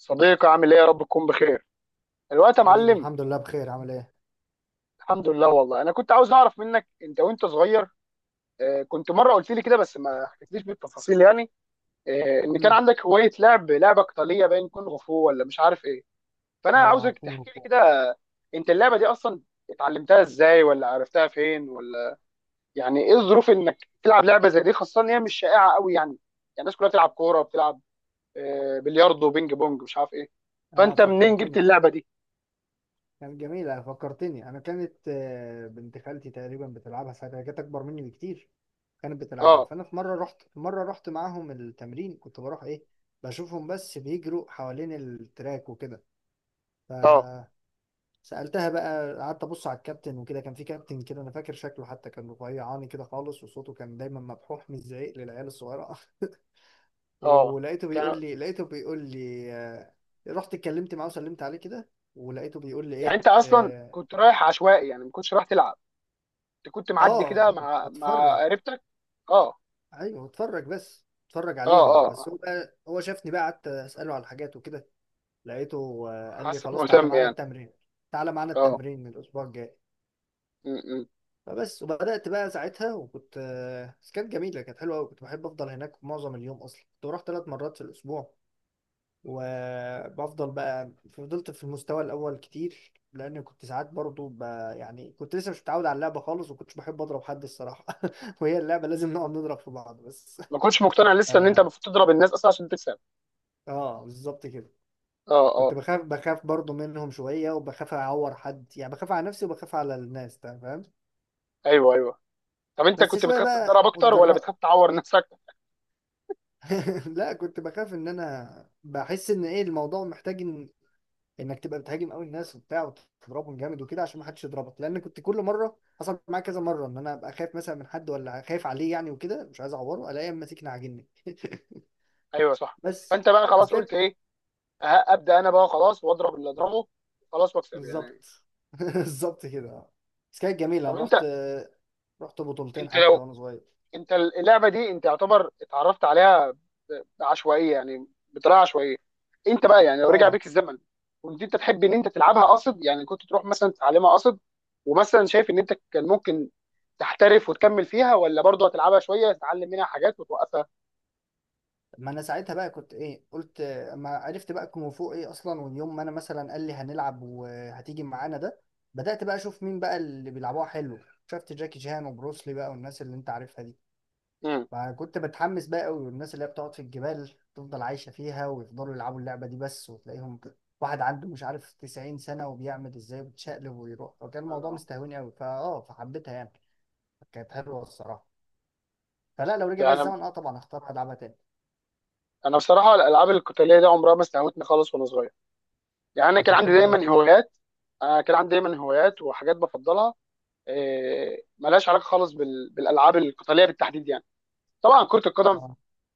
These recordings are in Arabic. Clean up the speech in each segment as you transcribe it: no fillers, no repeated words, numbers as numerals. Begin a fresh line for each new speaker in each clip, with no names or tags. صديقي عامل ايه يا رب تكون بخير. الوقت يا
حبيبي،
معلم.
الحمد لله بخير. عامل ايه؟
الحمد لله. والله انا كنت عاوز اعرف منك انت وانت صغير، كنت مره قلت لي كده بس ما حكيتليش بالتفاصيل يعني، ان كان
امم
عندك هوايه لعب لعبه قتاليه باين كونغ فو ولا مش عارف ايه. فانا
اه،
عاوزك
هتكون
تحكي لي
مبسوط.
كده. انت اللعبه دي اصلا اتعلمتها ازاي ولا عرفتها فين ولا يعني ايه الظروف انك تلعب لعبه زي دي، خاصه ان هي مش شائعه قوي، يعني الناس كلها بتلعب كوره، بتلعب بلياردو بينج بونج مش عارف ايه.
اه،
فانت منين جبت
فكرتني.
اللعبه دي؟
كانت جميله، فكرتني، انا كانت بنت خالتي تقريبا بتلعبها ساعتها، هي كانت اكبر مني بكتير. كانت بتلعبها،
اه،
فانا في مره رحت معاهم التمرين. كنت بروح ايه، بشوفهم بس بيجروا حوالين التراك وكده.
اه،
فسالتها بقى، قعدت ابص على الكابتن وكده. كان في كابتن كده، انا فاكر شكله حتى كان رفيعاني كده خالص، وصوته كان دايما مبحوح، مش زعيق للعيال الصغيره.
اه،
ولقيته
كان
بيقول لي لقيته بيقول لي آه، رحت اتكلمت معاه وسلمت عليه كده، ولقيته بيقول لي
يعني
ايه.
انت اصلا
اه،
كنت رايح عشوائي يعني، ما كنتش رايح تلعب، انت كنت معدي كده
كنت
مع
بتفرج.
قريبتك؟ اه،
ايوه، بتفرج، بس بتفرج
اه، اه،
عليهم بس.
آه.
هو بقى، هو شافني بقى، قعدت اساله على الحاجات وكده. لقيته قال لي
حاسك
خلاص، تعالى
مهتم
معانا
يعني.
التمرين.
اه.
الاسبوع الجاي.
م- م.
فبس، وبدات بقى ساعتها. وكنت آه، بس كانت جميله، كانت حلوه قوي، كنت بحب افضل هناك معظم اليوم. اصلا كنت بروح ثلاث مرات في الاسبوع، وبفضل بقى فضلت في المستوى الاول كتير، لان كنت ساعات برضو يعني كنت لسه مش متعود على اللعبه خالص، وكنتش بحب اضرب حد الصراحه. وهي اللعبه لازم نقعد نضرب في بعض بس.
ما كنتش مقتنع لسه ان انت
اه،
المفروض تضرب الناس اصلا عشان تكسب؟
بالظبط كده.
اه،
كنت
اه،
بخاف برضو منهم شويه، وبخاف اعور حد. يعني بخاف على نفسي وبخاف على الناس، فاهم.
ايوه، ايوه. طب انت
بس
كنت
شويه
بتخاف
بقى
تتضرب اكتر ولا
واتجرأت.
بتخاف تعور نفسك؟
لا، كنت بخاف ان انا بحس ان ايه، الموضوع محتاج انك تبقى بتهاجم قوي الناس وبتاع، وتضربهم جامد وكده، عشان ما حدش يضربك.
م.
لان كنت كل مره، حصل معايا كذا مره، ان انا ابقى خايف مثلا من حد ولا خايف عليه يعني وكده، مش عايز اعوره، الاقيه ماسكني عاجنني.
ايوه صح.
بس
فانت بقى
بس
خلاص
كانت،
قلت ايه؟ أه، ابدا انا بقى خلاص واضرب اللي اضربه، خلاص، واكسب يعني.
بالظبط. بالظبط كده. بس كانت جميله،
طب
انا
انت
رحت بطولتين
انت
حتى
لو
وانا صغير.
انت اللعبه دي انت يعتبر اتعرفت عليها عشوائيه يعني، بطريقه عشوائيه. انت بقى يعني لو رجع
اه،
بيك الزمن كنت انت تحب ان انت تلعبها قصد؟ يعني كنت تروح مثلا تتعلمها قصد، ومثلا شايف ان انت كان ممكن تحترف وتكمل فيها، ولا برضه هتلعبها شويه تتعلم منها حاجات وتوقفها؟
ما انا ساعتها بقى كنت ايه، قلت ما عرفت بقى كونغ فو ايه اصلا. واليوم ما انا مثلا قال لي هنلعب وهتيجي معانا ده، بدأت بقى اشوف مين بقى اللي بيلعبوها حلو. شفت جاكي شان وبروسلي بقى، والناس اللي انت عارفها دي.
امم.
فكنت بتحمس بقى قوي، والناس اللي هي بتقعد في الجبال، تفضل عايشة فيها ويفضلوا يلعبوا اللعبة دي بس، وتلاقيهم واحد عنده مش عارف 90 سنة وبيعمل ازاي وبيتشقلب ويروح. فكان الموضوع
آه.
مستهوني قوي، فاه، فحبيتها يعني. كانت حلوة الصراحة. فلا، لو رجع
يعني
بقى
انا
الزمن، اه طبعا اختار العبها تاني.
أنا بصراحه الالعاب القتاليه دي عمرها ما استهوتني خالص وانا صغير. يعني انا
كنت
كان عندي
بتحب ايه؟
دايما هوايات، وحاجات بفضلها، ملهاش علاقه خالص بالالعاب القتاليه بالتحديد يعني. طبعا كرة القدم،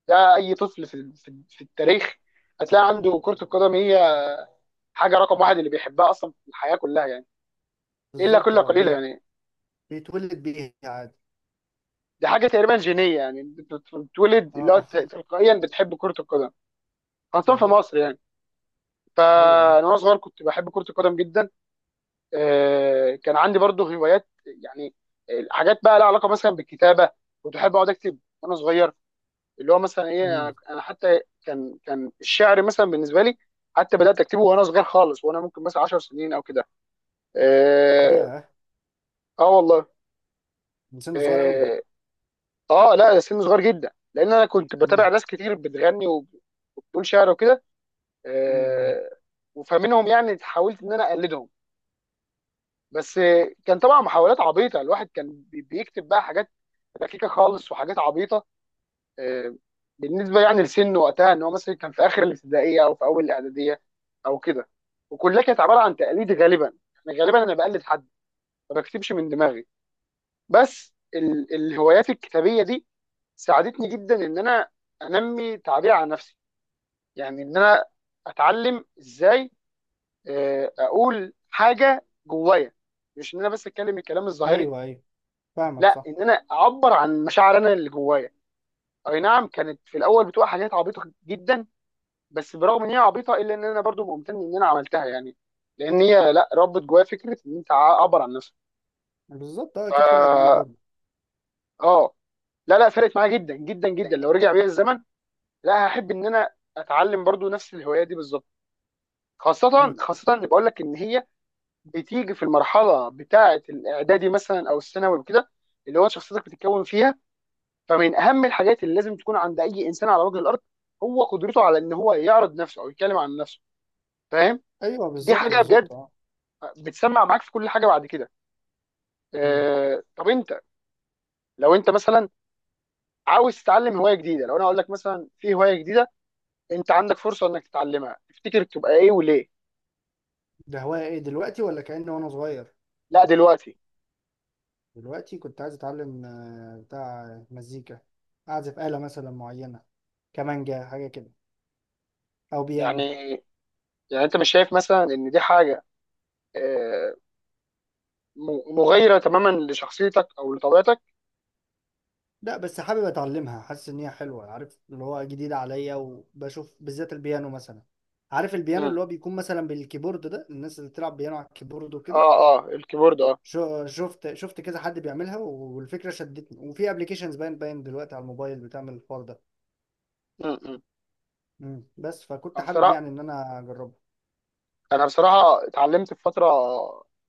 ده اي طفل في في التاريخ هتلاقي عنده كرة القدم هي حاجة رقم واحد اللي بيحبها اصلا في الحياة كلها يعني، الا
بالظبط،
كل
اه،
قليلة يعني.
بيتولد بيها عادي.
دي حاجة تقريبا جينية، يعني بتتولد
اه،
اللي هو تلقائيا بتحب كرة القدم، خاصة في
بالظبط.
مصر يعني.
ايوه ايوه.
فانا وانا صغير كنت بحب كرة القدم جدا. كان عندي برضه هوايات يعني، حاجات بقى لها علاقة مثلا بالكتابة، كنت احب اقعد اكتب وانا صغير، اللي هو مثلا ايه، انا
امم
أنا حتى كان الشعر مثلا بالنسبه لي حتى بدات اكتبه وانا صغير خالص، وانا ممكن مثلا 10 سنين او كده. اه.
ياه،
آه والله.
من سن صغير قوي.
اه. اه لا سن صغير جدا، لان انا كنت بتابع
امم
ناس كتير بتغني وبتقول شعر وكده.
امم
آه، وفمنهم يعني حاولت ان انا اقلدهم، بس كان طبعا محاولات عبيطه، الواحد كان بيكتب بقى حاجات ركيكه خالص وحاجات عبيطه، آه، بالنسبه يعني لسنه وقتها ان هو مثلا كان في اخر الابتدائيه او في اول الاعداديه او كده. وكلها كانت عباره عن تقليد غالبا، يعني غالبا انا بقلد حد، ما بكتبش من دماغي. بس الهوايات الكتابيه دي ساعدتني جدا ان انا انمي تعبير عن نفسي، يعني ان انا اتعلم ازاي اقول حاجه جوايا، مش ان انا بس اتكلم الكلام الظاهري،
ايوه ايوه، فاهمك،
لا
صح.
ان انا اعبر عن مشاعر انا اللي جوايا. اي نعم كانت في الاول بتبقى حاجات عبيطه جدا، بس برغم ان هي عبيطه، الا ان انا برضو ممتن ان انا عملتها يعني، لان هي لا ربت جوايا فكره ان انت عبر عن نفسك.
بالظبط، اه،
ف
اكيد فرقت معاك برضه.
اه، لا لا فرقت معايا جدا جدا جدا. لو رجع بيا الزمن لا هحب ان انا اتعلم برضو نفس الهوايه دي بالظبط، خاصه
امم
اللي بقول لك ان هي بتيجي في المرحله بتاعه الاعدادي مثلا او الثانوي وكده، اللي هو شخصيتك بتتكون فيها. فمن اهم الحاجات اللي لازم تكون عند اي انسان على وجه الارض هو قدرته على ان هو يعرض نفسه او يتكلم عن نفسه، فاهم؟
ايوه
دي
بالظبط،
حاجه
بالظبط،
بجد
اه.
بتسمع معاك في كل حاجه بعد كده.
مم.
آه طب انت لو انت مثلا عاوز تتعلم هوايه جديده، لو انا اقول لك مثلا في هوايه جديده انت عندك فرصه انك تتعلمها، تفتكر تبقى ايه وليه؟
ده هواية ايه دلوقتي؟ ولا كأني وانا صغير؟
لا دلوقتي.
دلوقتي كنت عايز اتعلم بتاع مزيكا، اعزف آلة مثلا معينة، كمانجا حاجة كده، او بيانو.
يعني انت مش شايف مثلا ان دي حاجه آه، مغايره تماما لشخصيتك او لطبيعتك؟
لا، بس حابب اتعلمها، حاسس ان هي حلوه، عارف، اللي هو جديده عليا. وبشوف بالذات البيانو مثلا، عارف البيانو
مم.
اللي هو بيكون مثلا بالكيبورد ده، الناس اللي بتلعب بيانو على الكيبورد وكده.
اه، اه الكيبورد، اه.
شفت كذا حد بيعملها، والفكره شدتني. وفي ابلكيشنز باين دلوقتي على الموبايل بتعمل الحوار ده.
مم، مم.
مم. بس فكنت
انا
حابب
بصراحه،
يعني ان انا اجربه.
اتعلمت في فتره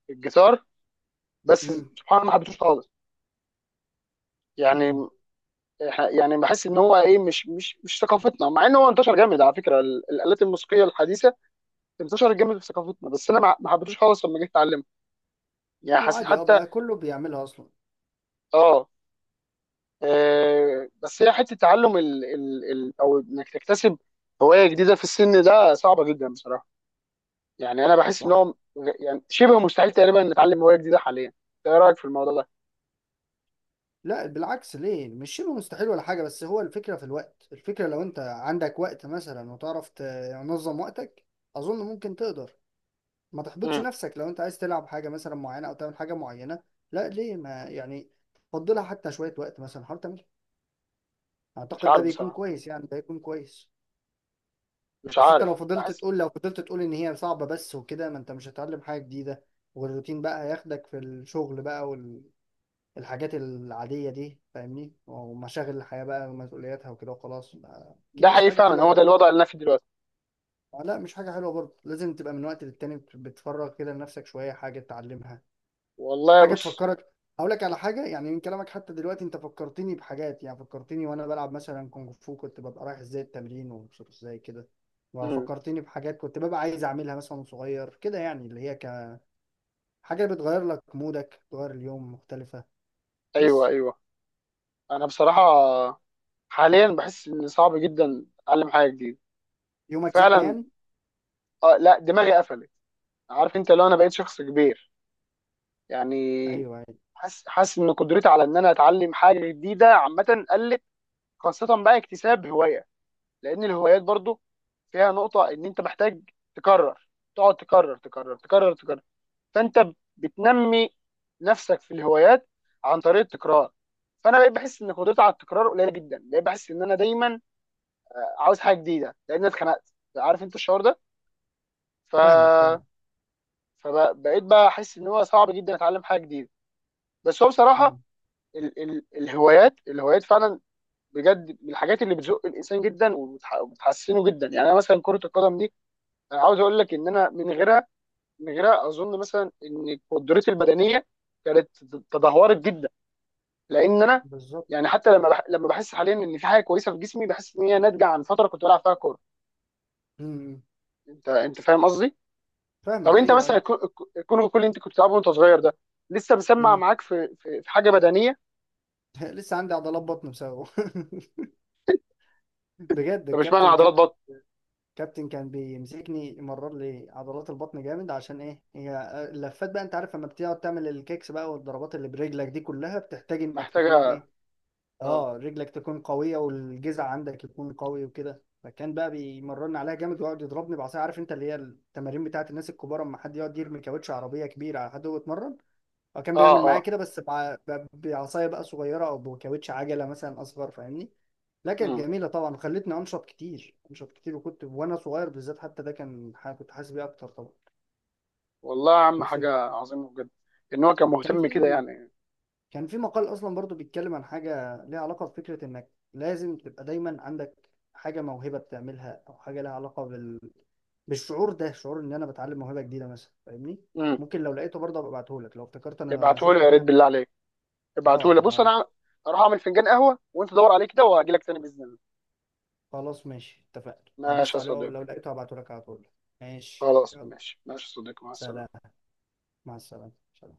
الجيتار، بس
امم
سبحان الله ما حبيتهوش خالص.
امم
يعني بحس ان هو ايه، مش ثقافتنا، مع ان هو انتشر جامد على فكره، الالات الموسيقيه الحديثه انتشر جامد في ثقافتنا، بس انا ما حبيتوش خالص لما جيت اتعلمها، يعني حسيت
وعادي، اه
حتى.
بقى، كله بيعملها اصلا.
اه، بس هي حته تعلم ال ال ال او انك تكتسب هوايه جديده في السن ده صعبه جدا بصراحه. يعني انا بحس ان
صح.
هو يعني شبه مستحيل تقريبا نتعلم هوايه جديده حاليا، انت ايه رايك في الموضوع ده؟
لا، بالعكس، ليه؟ مش شبه مستحيل ولا حاجة. بس هو الفكرة في الوقت، الفكرة لو انت عندك وقت مثلا، وتعرف تنظم وقتك، اظن ممكن تقدر. ما تحبطش
مم.
نفسك لو انت عايز تلعب حاجة مثلا معينة او تعمل حاجة معينة. لا ليه، ما يعني، فضلها حتى شوية وقت، مثلا حاول تعمل.
مش
اعتقد ده
عارف
بيكون
بصراحه،
كويس يعني، ده يكون كويس.
مش
بس انت لو
عارف،
فضلت
بحس،
تقول، لو فضلت تقول ان هي صعبة بس وكده، ما انت مش هتتعلم حاجة جديدة. والروتين بقى هياخدك في الشغل بقى، الحاجات العادية دي فاهمني، ومشاغل الحياة بقى ومسؤولياتها وكده، وخلاص. أكيد
ده
مش
حقيقي
حاجة
فعلا،
حلوة
هو ده
برضه.
الوضع اللي انا فيه دلوقتي.
لا مش حاجة حلوة برضه، لازم تبقى من وقت للتاني بتفرغ كده لنفسك شوية، حاجة تتعلمها،
والله
حاجة
بص.
تفكرك. هقول لك على حاجة، يعني من كلامك حتى دلوقتي أنت فكرتني بحاجات، يعني فكرتني وأنا بلعب مثلا كونغ فو، كنت ببقى رايح إزاي التمرين ومبسوط إزاي كده.
مم.
وفكرتني بحاجات كنت ببقى عايز أعملها مثلا وأنا صغير كده، يعني اللي هي كحاجة بتغير لك مودك، تغير اليوم مختلفة.
ايوه،
بس
ايوه. انا بصراحه حاليا بحس ان صعب جدا اتعلم حاجه جديده،
يومك زحمة
فعلا.
يعني.
آه لا دماغي قفلت. عارف انت، لو انا بقيت شخص كبير يعني،
أيوه أيوه.
حاسس ان قدرتي على ان انا اتعلم حاجه جديده عامه قلت، خاصه بقى اكتساب هوايه، لان الهوايات برضو فيها نقطه ان انت محتاج تكرر، تقعد تكرر تكرر تكرر تكرر، فانت بتنمي نفسك في الهوايات عن طريق التكرار. فانا بقيت بحس ان قدرتي على التكرار قليله جدا، بقيت بحس ان انا دايما عاوز حاجه جديده، لان أنا اتخنقت، عارف انت الشعور ده؟
فاهمك،
ف
فاهمك.
فبقيت بقى احس ان هو صعب جدا اتعلم حاجه جديده. بس هو بصراحه
مم.
الهوايات فعلا بجد من الحاجات اللي بتزق الانسان جدا وبتحسنه جدا. يعني انا مثلا كره القدم دي، انا عاوز اقول لك ان انا من غيرها، من غيرها اظن مثلا ان قدرتي البدنيه كانت تدهورت جدا، لان انا
بالظبط.
يعني، حتى لما لما بحس حاليا ان في حاجه كويسه في جسمي بحس ان هي ناتجه عن فتره كنت بلعب فيها كوره،
مم.
انت فاهم قصدي؟ طب
فاهمك،
انت
ايوه
مثلا
ايوه.
الكونغ، كل اللي انت كنت بتلعبه وانت صغير ده لسه مسمع
مم.
معاك في في حاجه بدنيه؟
لسه عندي عضلات بطن بسببه. بجد،
طب اشمعنى
الكابتن،
عضلات
كابتن
بطن؟
كابتن كان بيمسكني يمرر لي عضلات البطن جامد، عشان ايه، هي اللفات بقى، انت عارف لما بتقعد تعمل الكيكس بقى والضربات اللي برجلك دي، كلها بتحتاج انك تكون
محتاجه.
ايه،
اه،
اه، رجلك تكون قوية والجذع عندك يكون قوي وكده. فكان بقى بيمررني عليها جامد ويقعد يضربني بعصايه، عارف انت اللي هي التمارين بتاعت الناس الكبار، اما حد يقعد يرمي كاوتش عربية كبيرة على حد وهو يتمرن. هو كان
اه،
بيعمل معايا
اه.
كده، بس بعصايه بقى صغيره، او بكاوتش عجله مثلا اصغر، فاهمني. لا، كانت
امم.
جميله طبعا، وخلتني انشط كتير، انشط كتير. وكنت وانا صغير بالذات حتى ده كان كنت حاسس بيه اكتر طبعا.
والله يا عم
ده بس.
حاجه عظيمه بجد، ان هو كان
كان
مهتم كده
في
يعني.
كان في مقال اصلا برضو بيتكلم عن حاجه ليها علاقه بفكره انك لازم تبقى دايما عندك حاجه، موهبه بتعملها، او حاجه ليها علاقه بالشعور ده، شعور ان انا بتعلم موهبه جديده مثلا، فاهمني.
امم.
ممكن لو لقيته برضه ابقى ابعته لك، لو افتكرت انا
ابعته لي
شفته
يا
فين
ريت بالله
هبقى.
عليك،
اه،
ابعته لي. بص
آه.
انا اروح اعمل فنجان قهوه وانت دور عليه كده وهجي لك تاني باذن الله.
خلاص ماشي، اتفقنا، هبص
ماشي يا
عليه لو
صديقي.
لقيته هبعته لك على طول. ماشي،
خلاص
يلا.
ماشي، ماشي يا صديقي، مع
سلام،
السلامه.
مع السلامة. سلام.